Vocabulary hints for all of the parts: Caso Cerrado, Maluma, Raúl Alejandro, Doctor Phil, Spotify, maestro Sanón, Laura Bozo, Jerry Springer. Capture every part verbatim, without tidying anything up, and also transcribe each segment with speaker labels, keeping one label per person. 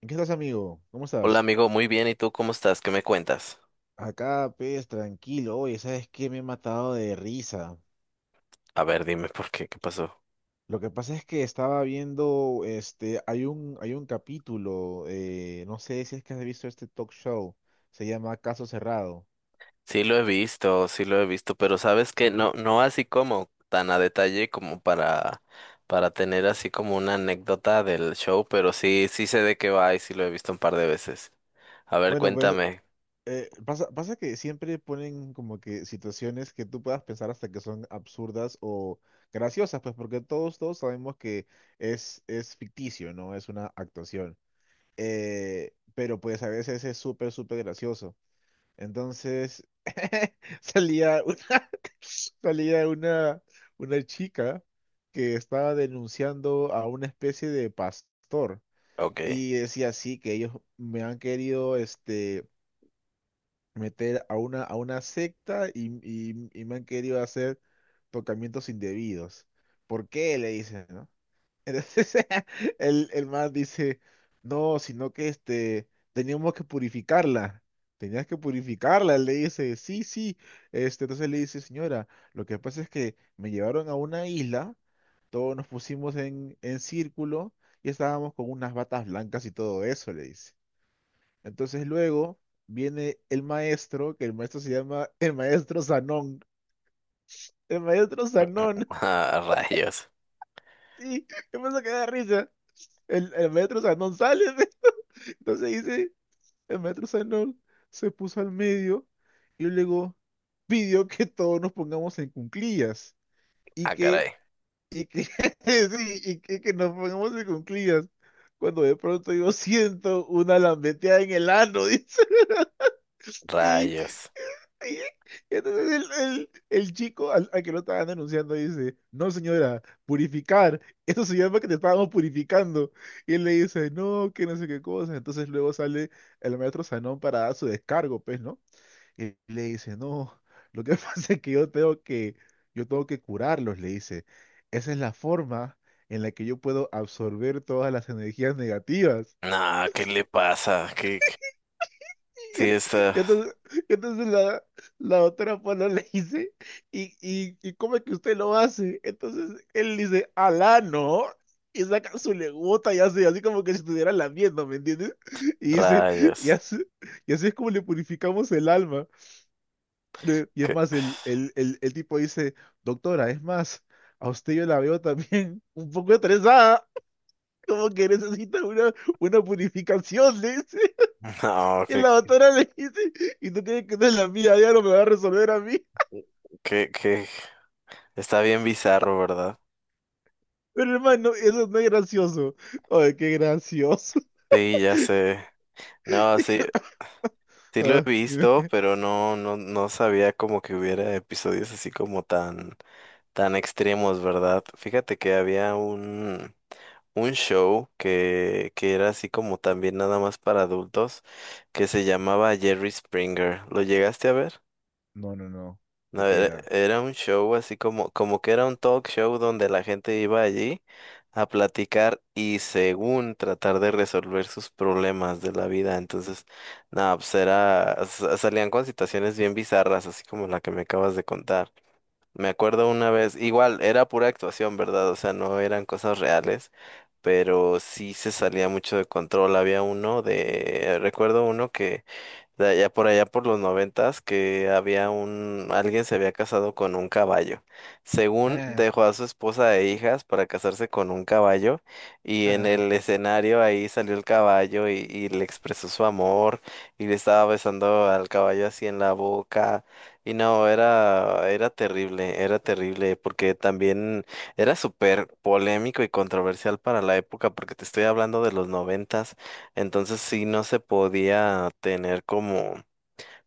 Speaker 1: ¿En qué estás, amigo? ¿Cómo
Speaker 2: Hola
Speaker 1: estás?
Speaker 2: amigo, muy bien. ¿Y tú cómo estás? ¿Qué me cuentas?
Speaker 1: Acá, pues, tranquilo. Oye, ¿sabes qué? Me he matado de risa.
Speaker 2: A ver, dime por qué, ¿qué pasó?
Speaker 1: Lo que pasa es que estaba viendo, este, hay un, hay un capítulo, eh, no sé si es que has visto este talk show, se llama Caso Cerrado.
Speaker 2: Sí lo he visto, sí lo he visto, pero sabes que no, no así como tan a detalle como para, para tener así como una anécdota del show, pero sí, sí sé de qué va y sí lo he visto un par de veces. A ver,
Speaker 1: Bueno, pues,
Speaker 2: cuéntame.
Speaker 1: eh, pasa, pasa que siempre ponen como que situaciones que tú puedas pensar hasta que son absurdas o graciosas, pues, porque todos, todos sabemos que es, es ficticio, ¿no? Es una actuación. Eh, pero pues a veces es súper, súper gracioso. Entonces, salía una, salía una, una chica que estaba denunciando a una especie de pastor
Speaker 2: Ok.
Speaker 1: y decía así que ellos me han querido este, meter a una, a una secta y, y, y me han querido hacer tocamientos indebidos. ¿Por qué? Le dicen, ¿no? Entonces el, el man dice, no, sino que este, teníamos que purificarla. Tenías que purificarla. Él le dice, sí, sí. Este, entonces le dice, señora, lo que pasa es que me llevaron a una isla, todos nos pusimos en, en círculo y estábamos con unas batas blancas y todo eso, le dice. Entonces luego viene el maestro, que el maestro se llama el maestro Sanón. El maestro Sanón,
Speaker 2: Ah, rayos.
Speaker 1: sí, me pasa que da risa. El, el maestro Sanón sale. Entonces dice, el maestro Sanol se puso al medio y luego pidió que todos nos pongamos en cuclillas y
Speaker 2: Ah,
Speaker 1: que,
Speaker 2: caray.
Speaker 1: y que, sí, y que, que nos pongamos en cuclillas. Cuando de pronto yo siento una lambeteada en el ano, dice, y
Speaker 2: Rayos.
Speaker 1: Y entonces el, el- el chico al, al que lo estaban denunciando dice, no señora, purificar, eso se llama que te estábamos purificando. Y él le dice, no, que no sé qué cosa. Entonces luego sale el maestro Sanón para dar su descargo, pues, ¿no? Y le dice, no, lo que pasa es que yo tengo que, yo tengo que curarlos, le dice. Esa es la forma en la que yo puedo absorber todas las energías negativas.
Speaker 2: Nah, ¿qué le pasa? ¿Qué? qué-
Speaker 1: Y
Speaker 2: Sí
Speaker 1: en-
Speaker 2: está.
Speaker 1: y entonces, y entonces la, la doctora pana le dice, ¿y, y, y cómo es que usted lo hace? Entonces él dice, alá, ¿no? Y saca su legota y hace así como que si estuviera lamiendo, ¿me entiendes? Y dice, y
Speaker 2: Rayos.
Speaker 1: así, y así es como le purificamos el alma. De- Y es
Speaker 2: ¿Qué?
Speaker 1: más, el, el, el, el tipo dice, doctora, es más, a usted yo la veo también un poco estresada, como que necesita una, una purificación, ¿eh?
Speaker 2: No,
Speaker 1: Y
Speaker 2: que,
Speaker 1: la doctora le dice, y tú tienes que ser la mía, ya no me va a resolver a mí.
Speaker 2: que, que. Está bien bizarro, ¿verdad?
Speaker 1: Pero hermano, eso no es gracioso. Ay, qué gracioso.
Speaker 2: Sí, ya sé. No, sí, sí lo he
Speaker 1: Ah,
Speaker 2: visto,
Speaker 1: dime.
Speaker 2: pero no, no, no sabía como que hubiera episodios así como tan, tan, extremos, ¿verdad? Fíjate que había un, un show que, que era así como también nada más para adultos, que se llamaba Jerry Springer. ¿Lo llegaste a ver?
Speaker 1: No, no, no.
Speaker 2: No,
Speaker 1: ¿De qué
Speaker 2: era,
Speaker 1: era?
Speaker 2: era un show así como, como que era un talk show donde la gente iba allí a platicar y según tratar de resolver sus problemas de la vida. Entonces, nada, pues era, sa- salían con situaciones bien bizarras, así como la que me acabas de contar. Me acuerdo una vez, igual, era pura actuación, ¿verdad? O sea, no eran cosas reales, pero sí se salía mucho de control. Había uno de, recuerdo uno que de allá por allá por los noventas que había un, alguien se había casado con un caballo. Según
Speaker 1: Ah,
Speaker 2: dejó a su esposa e hijas para casarse con un caballo y en
Speaker 1: ah.
Speaker 2: el escenario ahí salió el caballo y, y le expresó su amor y le estaba besando al caballo así en la boca. Y no, era, era terrible, era terrible, porque también era súper polémico y controversial para la época, porque te estoy hablando de los noventas. Entonces sí no se podía tener como,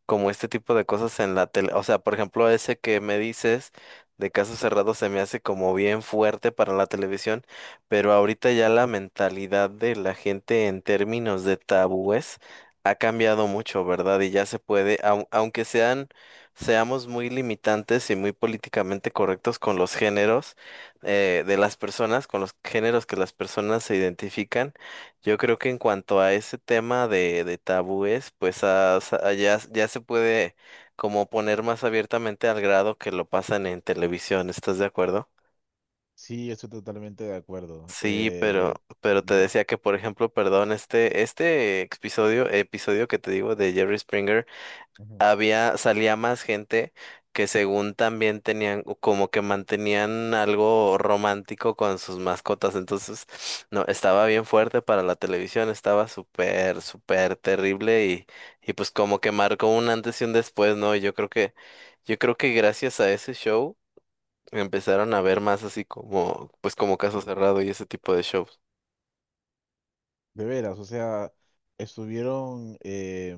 Speaker 2: como este tipo de cosas en la tele. O sea, por ejemplo, ese que me dices de caso cerrado se me hace como bien fuerte para la televisión, pero ahorita ya la mentalidad de la gente en términos de tabúes ha cambiado mucho, ¿verdad? Y ya se puede, au- aunque sean, seamos muy limitantes y muy políticamente correctos con los géneros eh, de las personas, con los géneros que las personas se identifican. Yo creo que en cuanto a ese tema de, de tabúes, pues ah, sa- ah, ya, ya se puede como poner más abiertamente al grado que lo pasan en televisión, ¿estás de acuerdo?
Speaker 1: Sí, estoy totalmente de acuerdo.
Speaker 2: Sí, pero,
Speaker 1: Eh,
Speaker 2: pero te
Speaker 1: ujú,
Speaker 2: decía que, por ejemplo, perdón, este, este episodio, episodio que te digo de Jerry Springer,
Speaker 1: ujú.
Speaker 2: había, salía más gente que según también tenían, o como que mantenían algo romántico con sus mascotas. Entonces, no, estaba bien fuerte para la televisión, estaba súper, súper terrible y, y pues como que marcó un antes y un después, ¿no? Y yo creo que, yo creo que gracias a ese show empezaron a ver más así como, pues como Caso Cerrado y ese tipo de shows.
Speaker 1: De veras, o sea, estuvieron eh,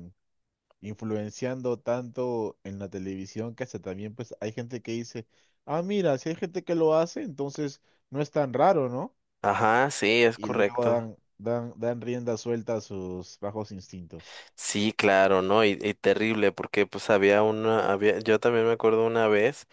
Speaker 1: influenciando tanto en la televisión que hasta también pues hay gente que dice, ah, mira, si hay gente que lo hace, entonces no es tan raro, no
Speaker 2: Ajá, sí, es
Speaker 1: y luego
Speaker 2: correcto.
Speaker 1: dan, dan, dan rienda suelta a sus bajos instintos.
Speaker 2: Sí, claro, ¿no? Y, y terrible, porque pues había una, había, yo también me acuerdo una vez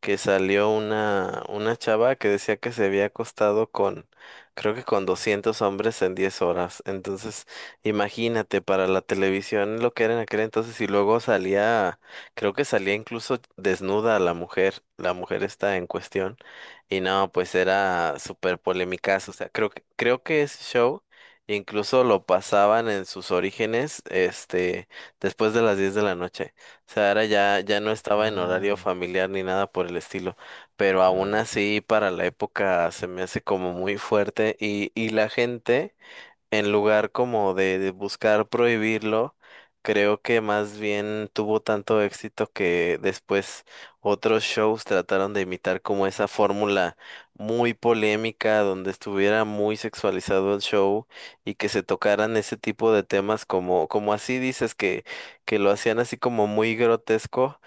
Speaker 2: que salió una, una chava que decía que se había acostado con, creo que con doscientos hombres en diez horas. Entonces, imagínate para la televisión lo que era en aquel entonces y luego salía, creo que salía incluso desnuda la mujer, la mujer está en cuestión. Y no, pues era súper polémicazo. O sea, creo que, creo que ese show incluso lo pasaban en sus orígenes, este, después de las diez de la noche. Sea, ahora ya, ya no estaba en horario
Speaker 1: Ah,
Speaker 2: familiar ni nada por el estilo, pero aún
Speaker 1: claro.
Speaker 2: así para la época se me hace como muy fuerte y, y la gente en lugar como de, de buscar prohibirlo, creo que más bien tuvo tanto éxito que después otros shows trataron de imitar como esa fórmula muy polémica, donde estuviera muy sexualizado el show y que se tocaran ese tipo de temas como, como así dices, que, que lo hacían así como muy grotesco.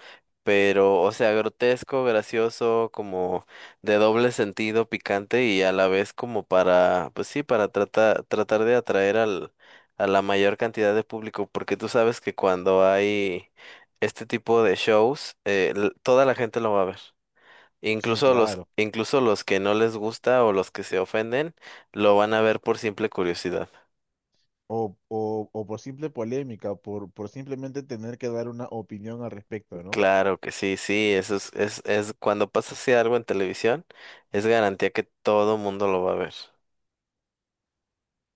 Speaker 2: Pero, o sea, grotesco, gracioso, como de doble sentido picante y a la vez como para, pues sí, para tratar, tratar de atraer al, a la mayor cantidad de público, porque tú sabes que cuando hay este tipo de shows, eh, l- toda la gente lo va a ver.
Speaker 1: Sí,
Speaker 2: Incluso los,
Speaker 1: claro.
Speaker 2: incluso los que no les gusta o los que se ofenden, lo van a ver por simple curiosidad.
Speaker 1: O, o, o por simple polémica, por, por simplemente tener que dar una opinión al respecto, ¿no?
Speaker 2: Claro que sí, sí, eso es, es, es cuando pasa así algo en televisión, es garantía que todo mundo lo va a ver.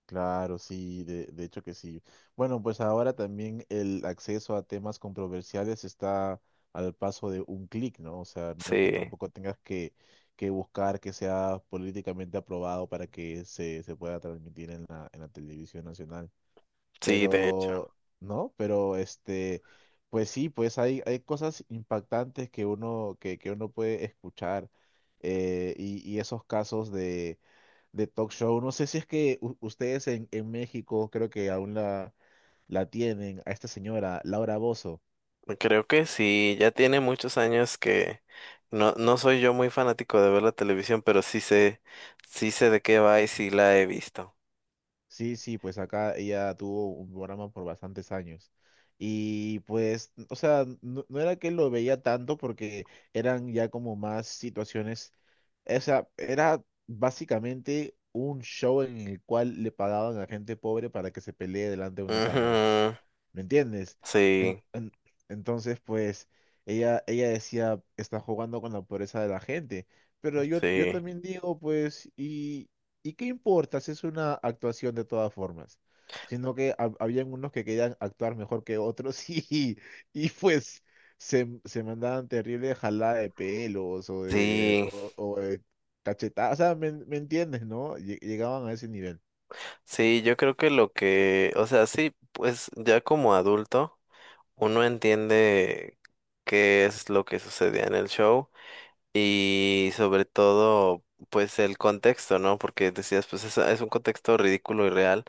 Speaker 1: Claro, sí, de, de hecho que sí. Bueno, pues ahora también el acceso a temas controversiales está al paso de un clic, ¿no? O sea, no es que
Speaker 2: Sí,
Speaker 1: tampoco tengas que, que buscar que sea políticamente aprobado para que se, se pueda transmitir en la, en la televisión nacional.
Speaker 2: sí, de hecho.
Speaker 1: Pero no, pero este, pues sí, pues hay, hay cosas impactantes que uno, que, que uno puede escuchar eh, y, y esos casos de, de talk show. No sé si es que u- ustedes en, en México creo que aún la, la tienen, a esta señora, Laura Bozo.
Speaker 2: Creo que sí, ya tiene muchos años que no, no soy yo muy fanático de ver la televisión, pero sí sé, sí sé de qué va y sí la he visto.
Speaker 1: Sí, sí, pues acá ella tuvo un programa por bastantes años. Y pues, o sea, no, no era que lo veía tanto porque eran ya como más situaciones, o sea, era básicamente un show en el cual le pagaban a gente pobre para que se pelee delante de una cámara.
Speaker 2: Ujú,
Speaker 1: ¿Me entiendes? En-
Speaker 2: sí,
Speaker 1: en- entonces, pues, ella, ella decía, está jugando con la pobreza de la gente. Pero yo, yo
Speaker 2: sí,
Speaker 1: también digo, pues, ¿y, y qué importa si es una actuación de todas formas? Sino que hab- habían unos que querían actuar mejor que otros y, y pues se, se mandaban terrible jalada de pelos o de,
Speaker 2: sí,
Speaker 1: o, o de cachetadas. O sea, ¿me, me entiendes, no? Lle- Llegaban a ese nivel.
Speaker 2: sí, yo creo que lo que, o sea, sí, pues ya como adulto uno entiende qué es lo que sucedía en el show. Y sobre todo, pues el contexto, ¿no? Porque decías, pues es, es un contexto ridículo y real,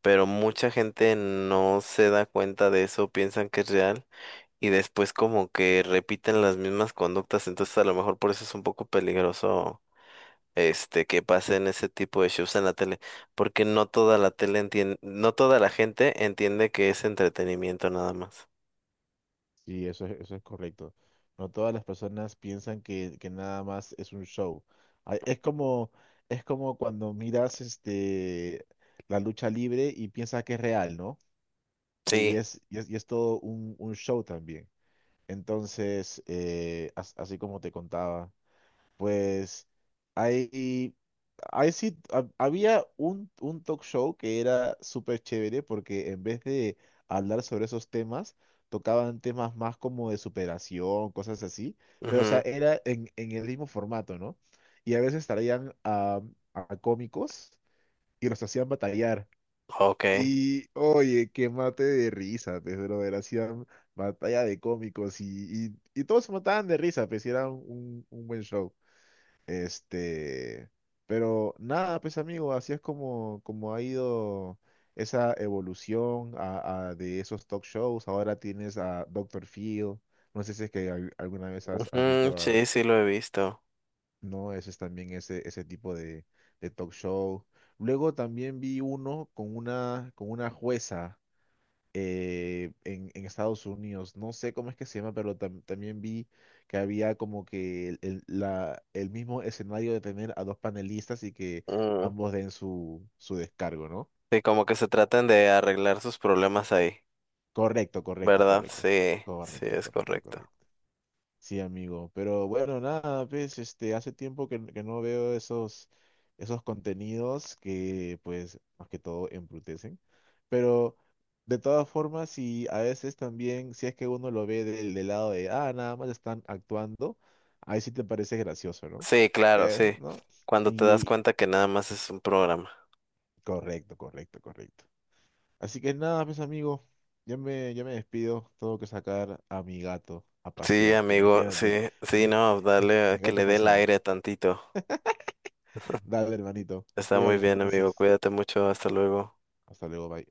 Speaker 2: pero mucha gente no se da cuenta de eso, piensan que es real y después como que repiten las mismas conductas, entonces a lo mejor por eso es un poco peligroso. Este, que pasen ese tipo de shows en la tele, porque no toda la tele entiende, no toda la gente entiende que es entretenimiento nada más.
Speaker 1: Sí, eso es, eso es correcto. No todas las personas piensan que, que nada más es un show. Ah, es como, es como cuando miras este, la lucha libre y piensas que es real, ¿no? Eh, y
Speaker 2: Sí.
Speaker 1: es, y es, y es todo un, un show también. Entonces, eh, as- así como te contaba. Pues hay, hay sí, ha- había un, un talk show que era súper chévere porque en vez de hablar sobre esos temas, tocaban temas más como de superación, cosas así, pero o sea,
Speaker 2: Mhm.
Speaker 1: era en, en el mismo formato, ¿no? Y a veces traían a, a cómicos y los hacían batallar.
Speaker 2: Okay.
Speaker 1: Y oye, qué mate de risa, pues, brother, hacían batalla de cómicos y, y, y todos se mataban de risa, pues y era un, un buen show. Este, pero nada, pues amigo, así es como, como ha ido esa evolución a- a- de esos talk shows. Ahora tienes a Doctor Phil. No sé si es que al- alguna vez has, has
Speaker 2: Ujú,
Speaker 1: visto a...
Speaker 2: sí, sí lo he visto.
Speaker 1: No, ese es también ese, ese tipo de, de talk show. Luego también vi uno con una, con una jueza eh, en, en Estados Unidos. No sé cómo es que se llama, pero tam- también vi que había como que el, el- la, el mismo escenario de tener a dos panelistas y que ambos den su, su descargo, ¿no?
Speaker 2: Sí, como que se traten de arreglar sus problemas ahí,
Speaker 1: Correcto, correcto,
Speaker 2: ¿verdad?
Speaker 1: correcto.
Speaker 2: Sí, sí,
Speaker 1: Correcto,
Speaker 2: es
Speaker 1: correcto,
Speaker 2: correcto.
Speaker 1: correcto. Sí, amigo. Pero bueno, nada, pues, este, hace tiempo que, que no veo esos, esos contenidos que, pues, más que todo embrutecen. Pero de todas formas, y a veces también, si es que uno lo ve del, del lado de, ah, nada más están actuando, ahí sí te parece gracioso, ¿no?
Speaker 2: Sí, claro,
Speaker 1: Ya es,
Speaker 2: sí.
Speaker 1: ¿no?
Speaker 2: Cuando te das
Speaker 1: Y
Speaker 2: cuenta que nada más es un programa.
Speaker 1: correcto, correcto, correcto. Así que nada, pues, amigo, yo me, yo me despido. Tengo que sacar a mi gato a
Speaker 2: Sí,
Speaker 1: pasear.
Speaker 2: amigo,
Speaker 1: Imagínate,
Speaker 2: sí, sí,
Speaker 1: mi,
Speaker 2: no, dale,
Speaker 1: mi
Speaker 2: eh, que
Speaker 1: gato
Speaker 2: le dé el
Speaker 1: pasea.
Speaker 2: aire tantito.
Speaker 1: Dale, hermanito.
Speaker 2: Está muy
Speaker 1: Cuídate
Speaker 2: bien, amigo,
Speaker 1: entonces.
Speaker 2: cuídate mucho, hasta luego.
Speaker 1: Hasta luego, bye.